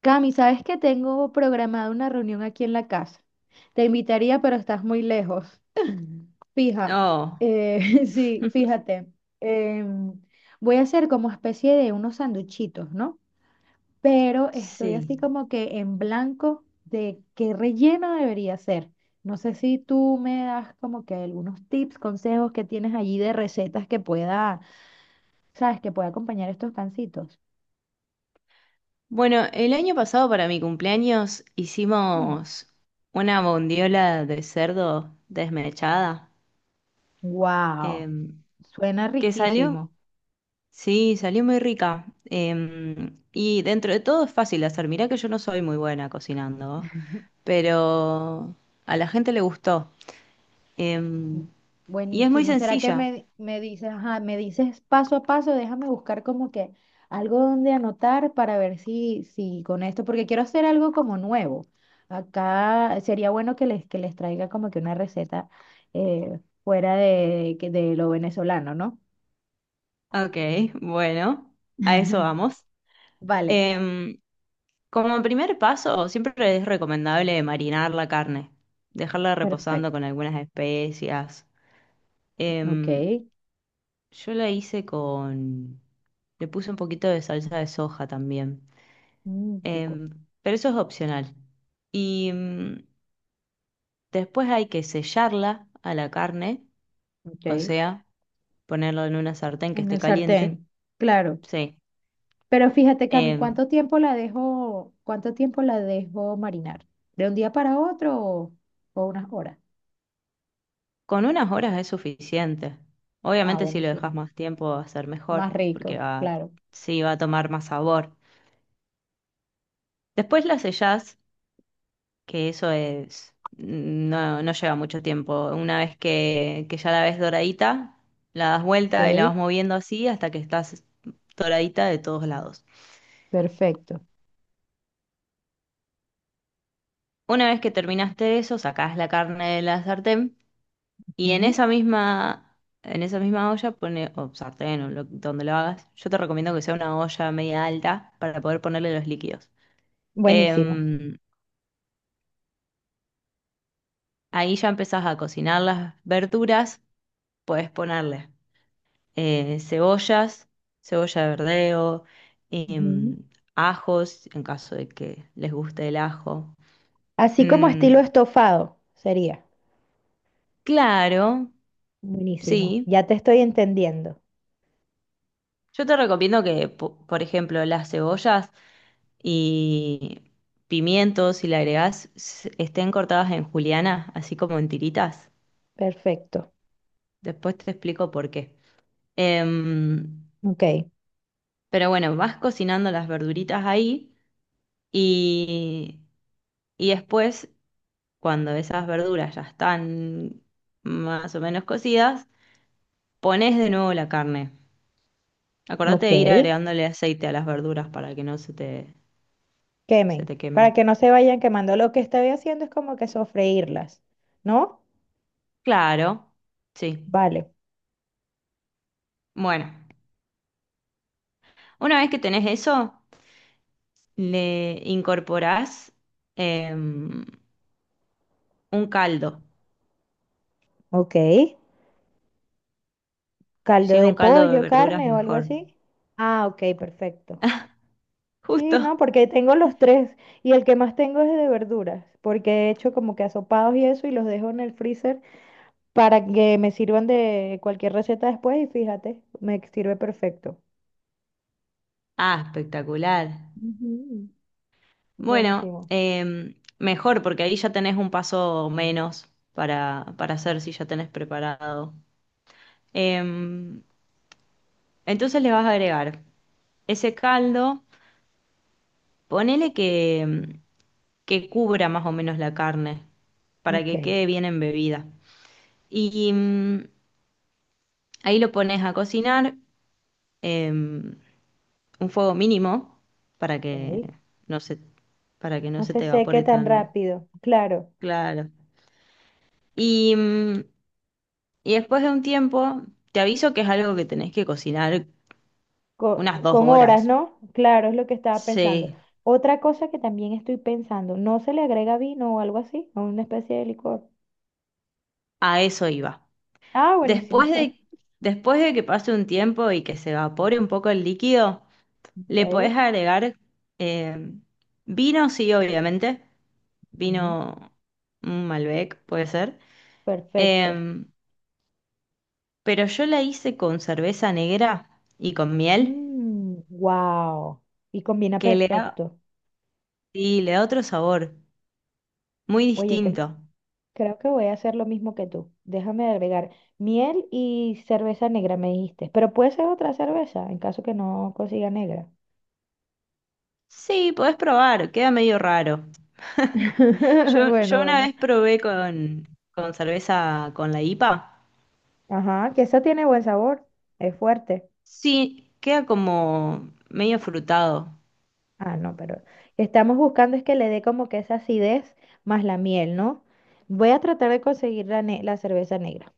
Cami, ¿sabes que tengo programada una reunión aquí en la casa? Te invitaría, pero estás muy lejos. Fija, Oh, sí, fíjate. em, voy a hacer como especie de unos sanduchitos, ¿no? Pero estoy sí. así como que en blanco de qué relleno debería ser. No sé si tú me das como que algunos tips, consejos que tienes allí de recetas que pueda, ¿sabes? Que pueda acompañar estos pancitos. Bueno, el año pasado para mi cumpleaños Mm. hicimos una bondiola de cerdo desmechada, Wow, em, suena que salió, riquísimo. sí, salió muy rica. Y dentro de todo es fácil de hacer. Mirá que yo no soy muy buena cocinando, pero a la gente le gustó. em, y es muy Buenísimo. ¿Será que sencilla. me dices, ajá, me dices paso a paso? Déjame buscar como que algo donde anotar para ver si, si con esto, porque quiero hacer algo como nuevo. Acá sería bueno que que les traiga como que una receta fuera de, de lo venezolano, ¿no? Ok, bueno, a eso vamos. Vale, Em, Como primer paso, siempre es recomendable marinar la carne, dejarla reposando perfecto. con algunas especias. Ok. Em, yo la hice con... Le puse un poquito de salsa de soja también. Mm, rico. Em, pero eso es opcional. Y después hay que sellarla a la carne, Ok. o En sea, ponerlo en una sartén que esté el caliente. sartén. Claro. Sí. Pero fíjate, Cami, Em, ¿cuánto tiempo la dejo, cuánto tiempo la dejo marinar? ¿De un día para otro o unas horas? Con unas horas es suficiente. Ah, Obviamente si lo buenísimo. dejas más tiempo va a ser mejor, Más porque rico, va, claro. sí va a tomar más sabor. Después la sellás, que eso es, no, no lleva mucho tiempo. Una vez que ya la ves doradita, la das vuelta y la Ok, vas moviendo así hasta que estás doradita de todos lados. perfecto. Una vez que terminaste eso, sacás la carne de la sartén. Y Ujú. En esa misma olla pone, o sartén, o donde lo hagas, yo te recomiendo que sea una olla media alta para poder ponerle los líquidos. Buenísimo. Em, ahí ya empezás a cocinar las verduras, puedes ponerle cebollas, cebolla de verdeo, Ujú. em, ajos, en caso de que les guste el ajo. Así como Mm, estilo estofado sería. claro, Buenísimo. sí. Ya te estoy entendiendo. Yo te recomiendo que, por ejemplo, las cebollas y pimientos, si le agregás, estén cortadas en juliana, así como en tiritas. Perfecto. Después te explico por qué. Em, Ok, pero bueno, vas cocinando las verduritas ahí y, y después, cuando esas verduras ya están más o menos cocidas, pones de nuevo la carne. Acordate ok. de ir agregándole aceite a las verduras para que no se te, se Quemen. te Para quemen. que no se vayan quemando. Lo que estoy haciendo es como que sofreírlas, ¿no? Claro, sí. Vale. Bueno, una vez que tenés eso, le incorporás em, un caldo. Ok. Caldo Si es de un caldo de pollo, verduras, carne o algo mejor. así. Ah, ok, perfecto. Sí, Justo. no, porque tengo los tres y el que más tengo es de verduras, porque he hecho como que asopados y eso y los dejo en el freezer para que me sirvan de cualquier receta después y fíjate, me sirve perfecto. Ah, espectacular. Ujú. Bueno, Buenísimo. Mejor porque ahí ya tenés un paso menos para hacer si ya tenés preparado. Em, entonces le vas a agregar ese caldo, ponele que cubra más o menos la carne para Ok, que quede bien embebida. Y ahí lo pones a cocinar, em, un fuego mínimo para que ok. no se, para que no No se se te seque evapore tan tan rápido, claro. claro. Y, mm, y después de un tiempo, te aviso que es algo que tenés que cocinar unas dos Con, horas, horas. ¿no? Claro, es lo que estaba pensando. Sí, Otra cosa que también estoy pensando, ¿no se le agrega vino o algo así? ¿O una especie de licor? a eso iba. Ah, buenísimo. Después de, después de que pase un tiempo y que se evapore un poco el líquido, le podés Ok, agregar eh, vino, sí, obviamente. mm. Vino, un Malbec, puede ser. Perfecto. Em, Pero yo la hice con cerveza negra y con miel, Wow. Y combina que le da, perfecto. sí, le da otro sabor, muy Oye, distinto. creo que voy a hacer lo mismo que tú. Déjame agregar miel y cerveza negra, me dijiste. Pero puede ser otra cerveza, en caso que no consiga negra. Sí, podés probar, queda medio raro. Yo, Bueno, yo una vamos. vez probé con, cerveza con la IPA. Ajá, que esa tiene buen sabor. Es fuerte. Sí, queda como medio frutado Ah, no, pero estamos buscando es que le dé como que esa acidez más la miel, ¿no? Voy a tratar de conseguir la cerveza negra.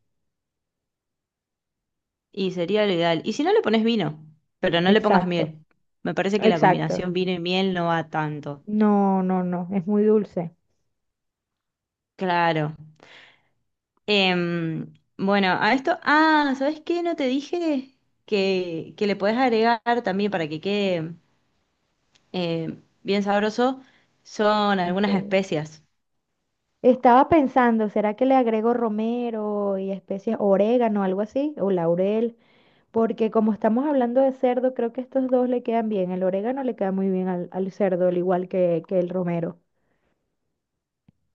y sería lo ideal. Y si no le pones vino, pero no le pongas Exacto, miel. Me parece que la exacto. combinación vino y miel no va tanto. No, no, no, es muy dulce. Claro. Bueno, a esto, ah, ¿sabes qué? No te dije que le podés agregar también para que quede bien sabroso, son algunas Ok. especias. Estaba pensando, ¿será que le agrego romero y especies, orégano, algo así, o laurel? Porque como estamos hablando de cerdo, creo que estos dos le quedan bien. El orégano le queda muy bien al cerdo, al igual que el romero.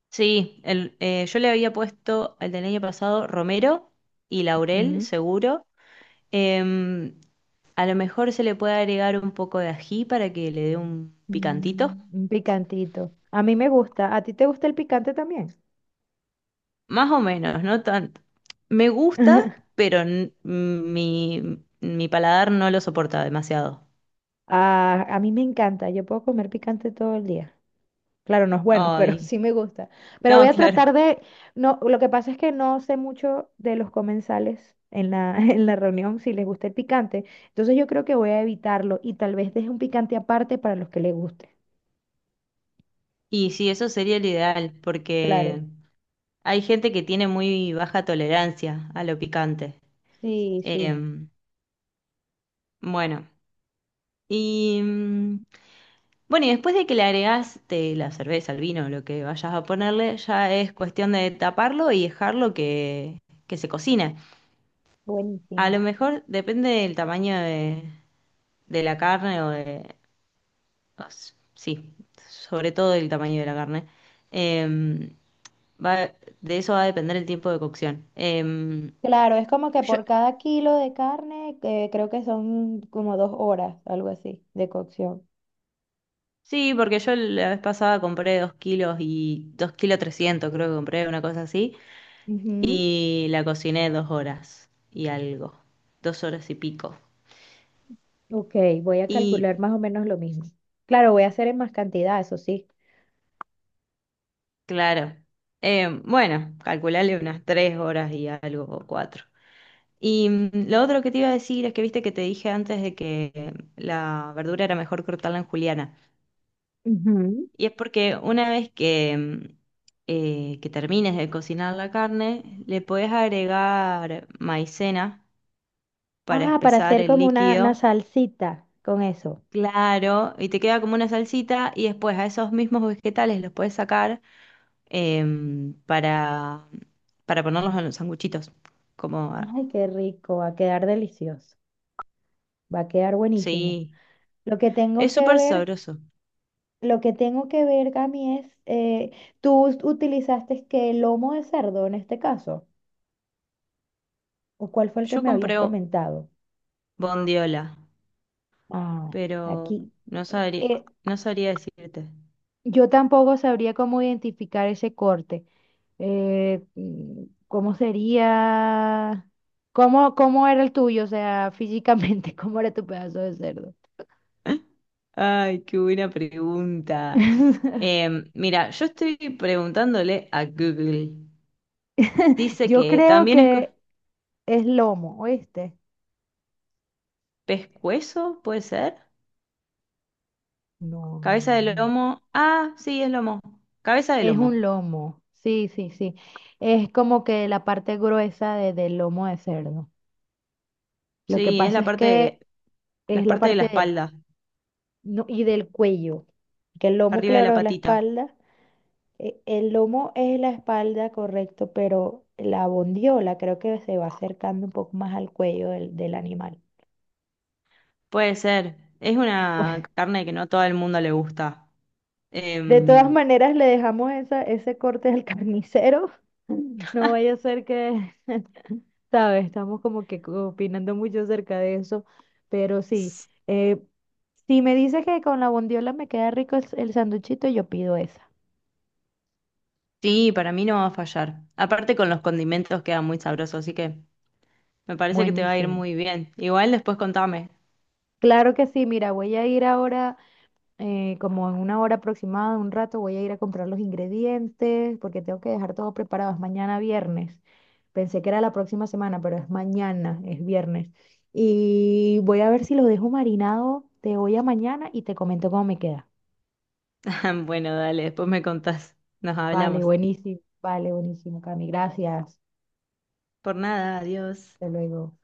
Sí, yo le había puesto el del año pasado romero y laurel, seguro. Em, a lo mejor se le puede agregar un poco de ají para que le dé un picantito. Mm, un picantito. A mí me gusta. ¿A ti te gusta el picante también? Más o menos, no tanto. Me gusta, pero mi paladar no lo soporta demasiado. Ah, a mí me encanta. Yo puedo comer picante todo el día. Claro, no es bueno, pero Ay, sí me gusta. Pero voy no, a claro. tratar de... No, lo que pasa es que no sé mucho de los comensales en la, en la reunión si les gusta el picante. Entonces yo creo que voy a evitarlo y tal vez deje un picante aparte para los que les guste. Y sí, eso sería el ideal, porque Claro. hay gente que tiene muy baja tolerancia a lo picante. Sí, sí. Em, bueno, y mm, bueno, y después de que le agregás te la cerveza, el vino, lo que vayas a ponerle, ya es cuestión de taparlo y dejarlo que se cocine. A Buenísimo. lo mejor depende del tamaño de la carne o de... Sí, sobre todo del tamaño de la carne. Em, Va, de eso va a depender el tiempo de cocción. Claro, es como que yo- por cada kilo de carne, creo que son como 2 horas, algo así, de cocción. sí, porque yo la vez pasada compré 2 kilos y 2 kilos 300 creo que compré, una cosa así, Ujú. y la cociné 2 horas y algo, 2 horas y pico. Ok, voy a Y calcular más o menos lo mismo. Claro, voy a hacer en más cantidad, eso sí. claro, bueno, calcularle unas 3 horas y algo o 4. Y lo otro que te iba a decir es que viste que te dije antes de que la verdura era mejor cortarla en juliana. Ujú. Y es porque una vez que termines de cocinar la carne, le podés agregar maicena para Ah, para espesar hacer el como una líquido, salsita con eso. claro, y te queda como una salsita y después a esos mismos vegetales los puedes sacar em, para, para ponerlos en los sanguchitos. Como, ah, Ay, qué rico, va a quedar delicioso, va a quedar buenísimo. sí, Lo que tengo es que súper ver, sabroso. lo que tengo que ver, Cami, es, ¿tú utilizaste que lomo de cerdo en este caso? ¿O cuál fue el que Yo me habías compré comentado? bondiola, Ah, pero aquí. no eh, sabría, eh, no sabría decirte. yo tampoco sabría cómo identificar ese corte. Mm, ¿cómo sería? Cómo era el tuyo? O sea, físicamente, ¿cómo era tu pedazo de cerdo? Ay, qué buena pregunta. Mira, yo estoy preguntándole a Google. Dice Yo que creo también es que es lomo, ¿oíste? pescuezo, ¿puede ser? No, no, Cabeza no, de no. lomo. Ah, sí, es lomo. Cabeza de Es lomo. un lomo. Sí, sí, sí. Es como que la parte gruesa del lomo de cerdo. Lo que Sí, es pasa es que las es la partes de la parte del. espalda, No, y del cuello, que el lomo, arriba de la claro, es la patita. espalda. El lomo es la espalda, correcto, pero la bondiola creo que se va acercando un poco más al cuello del animal. Puede ser. Es una Bueno, carne que no a todo el mundo le gusta. de todas Em, maneras, le dejamos esa, ese corte al carnicero. No vaya a ser que, ¿sabes? Estamos como que opinando mucho acerca de eso, pero sí. eh, si me dices que con la bondiola me queda rico el sanduchito, yo pido esa. sí, para mí no va a fallar. Aparte con los condimentos queda muy sabroso, así que... Me parece que te va a ir Buenísimo. muy bien. Igual después contame. Claro que sí, mira, voy a ir ahora, como en una hora aproximada, un rato, voy a ir a comprar los ingredientes porque tengo que dejar todo preparado. Es mañana viernes. Pensé que era la próxima semana, pero es mañana, es viernes. Y voy a ver si lo dejo marinado de hoy a mañana y te comento cómo me queda. Bueno, dale, después me contás. Nos hablamos. Vale, buenísimo, Cami. Gracias. Por nada, adiós. Hasta luego.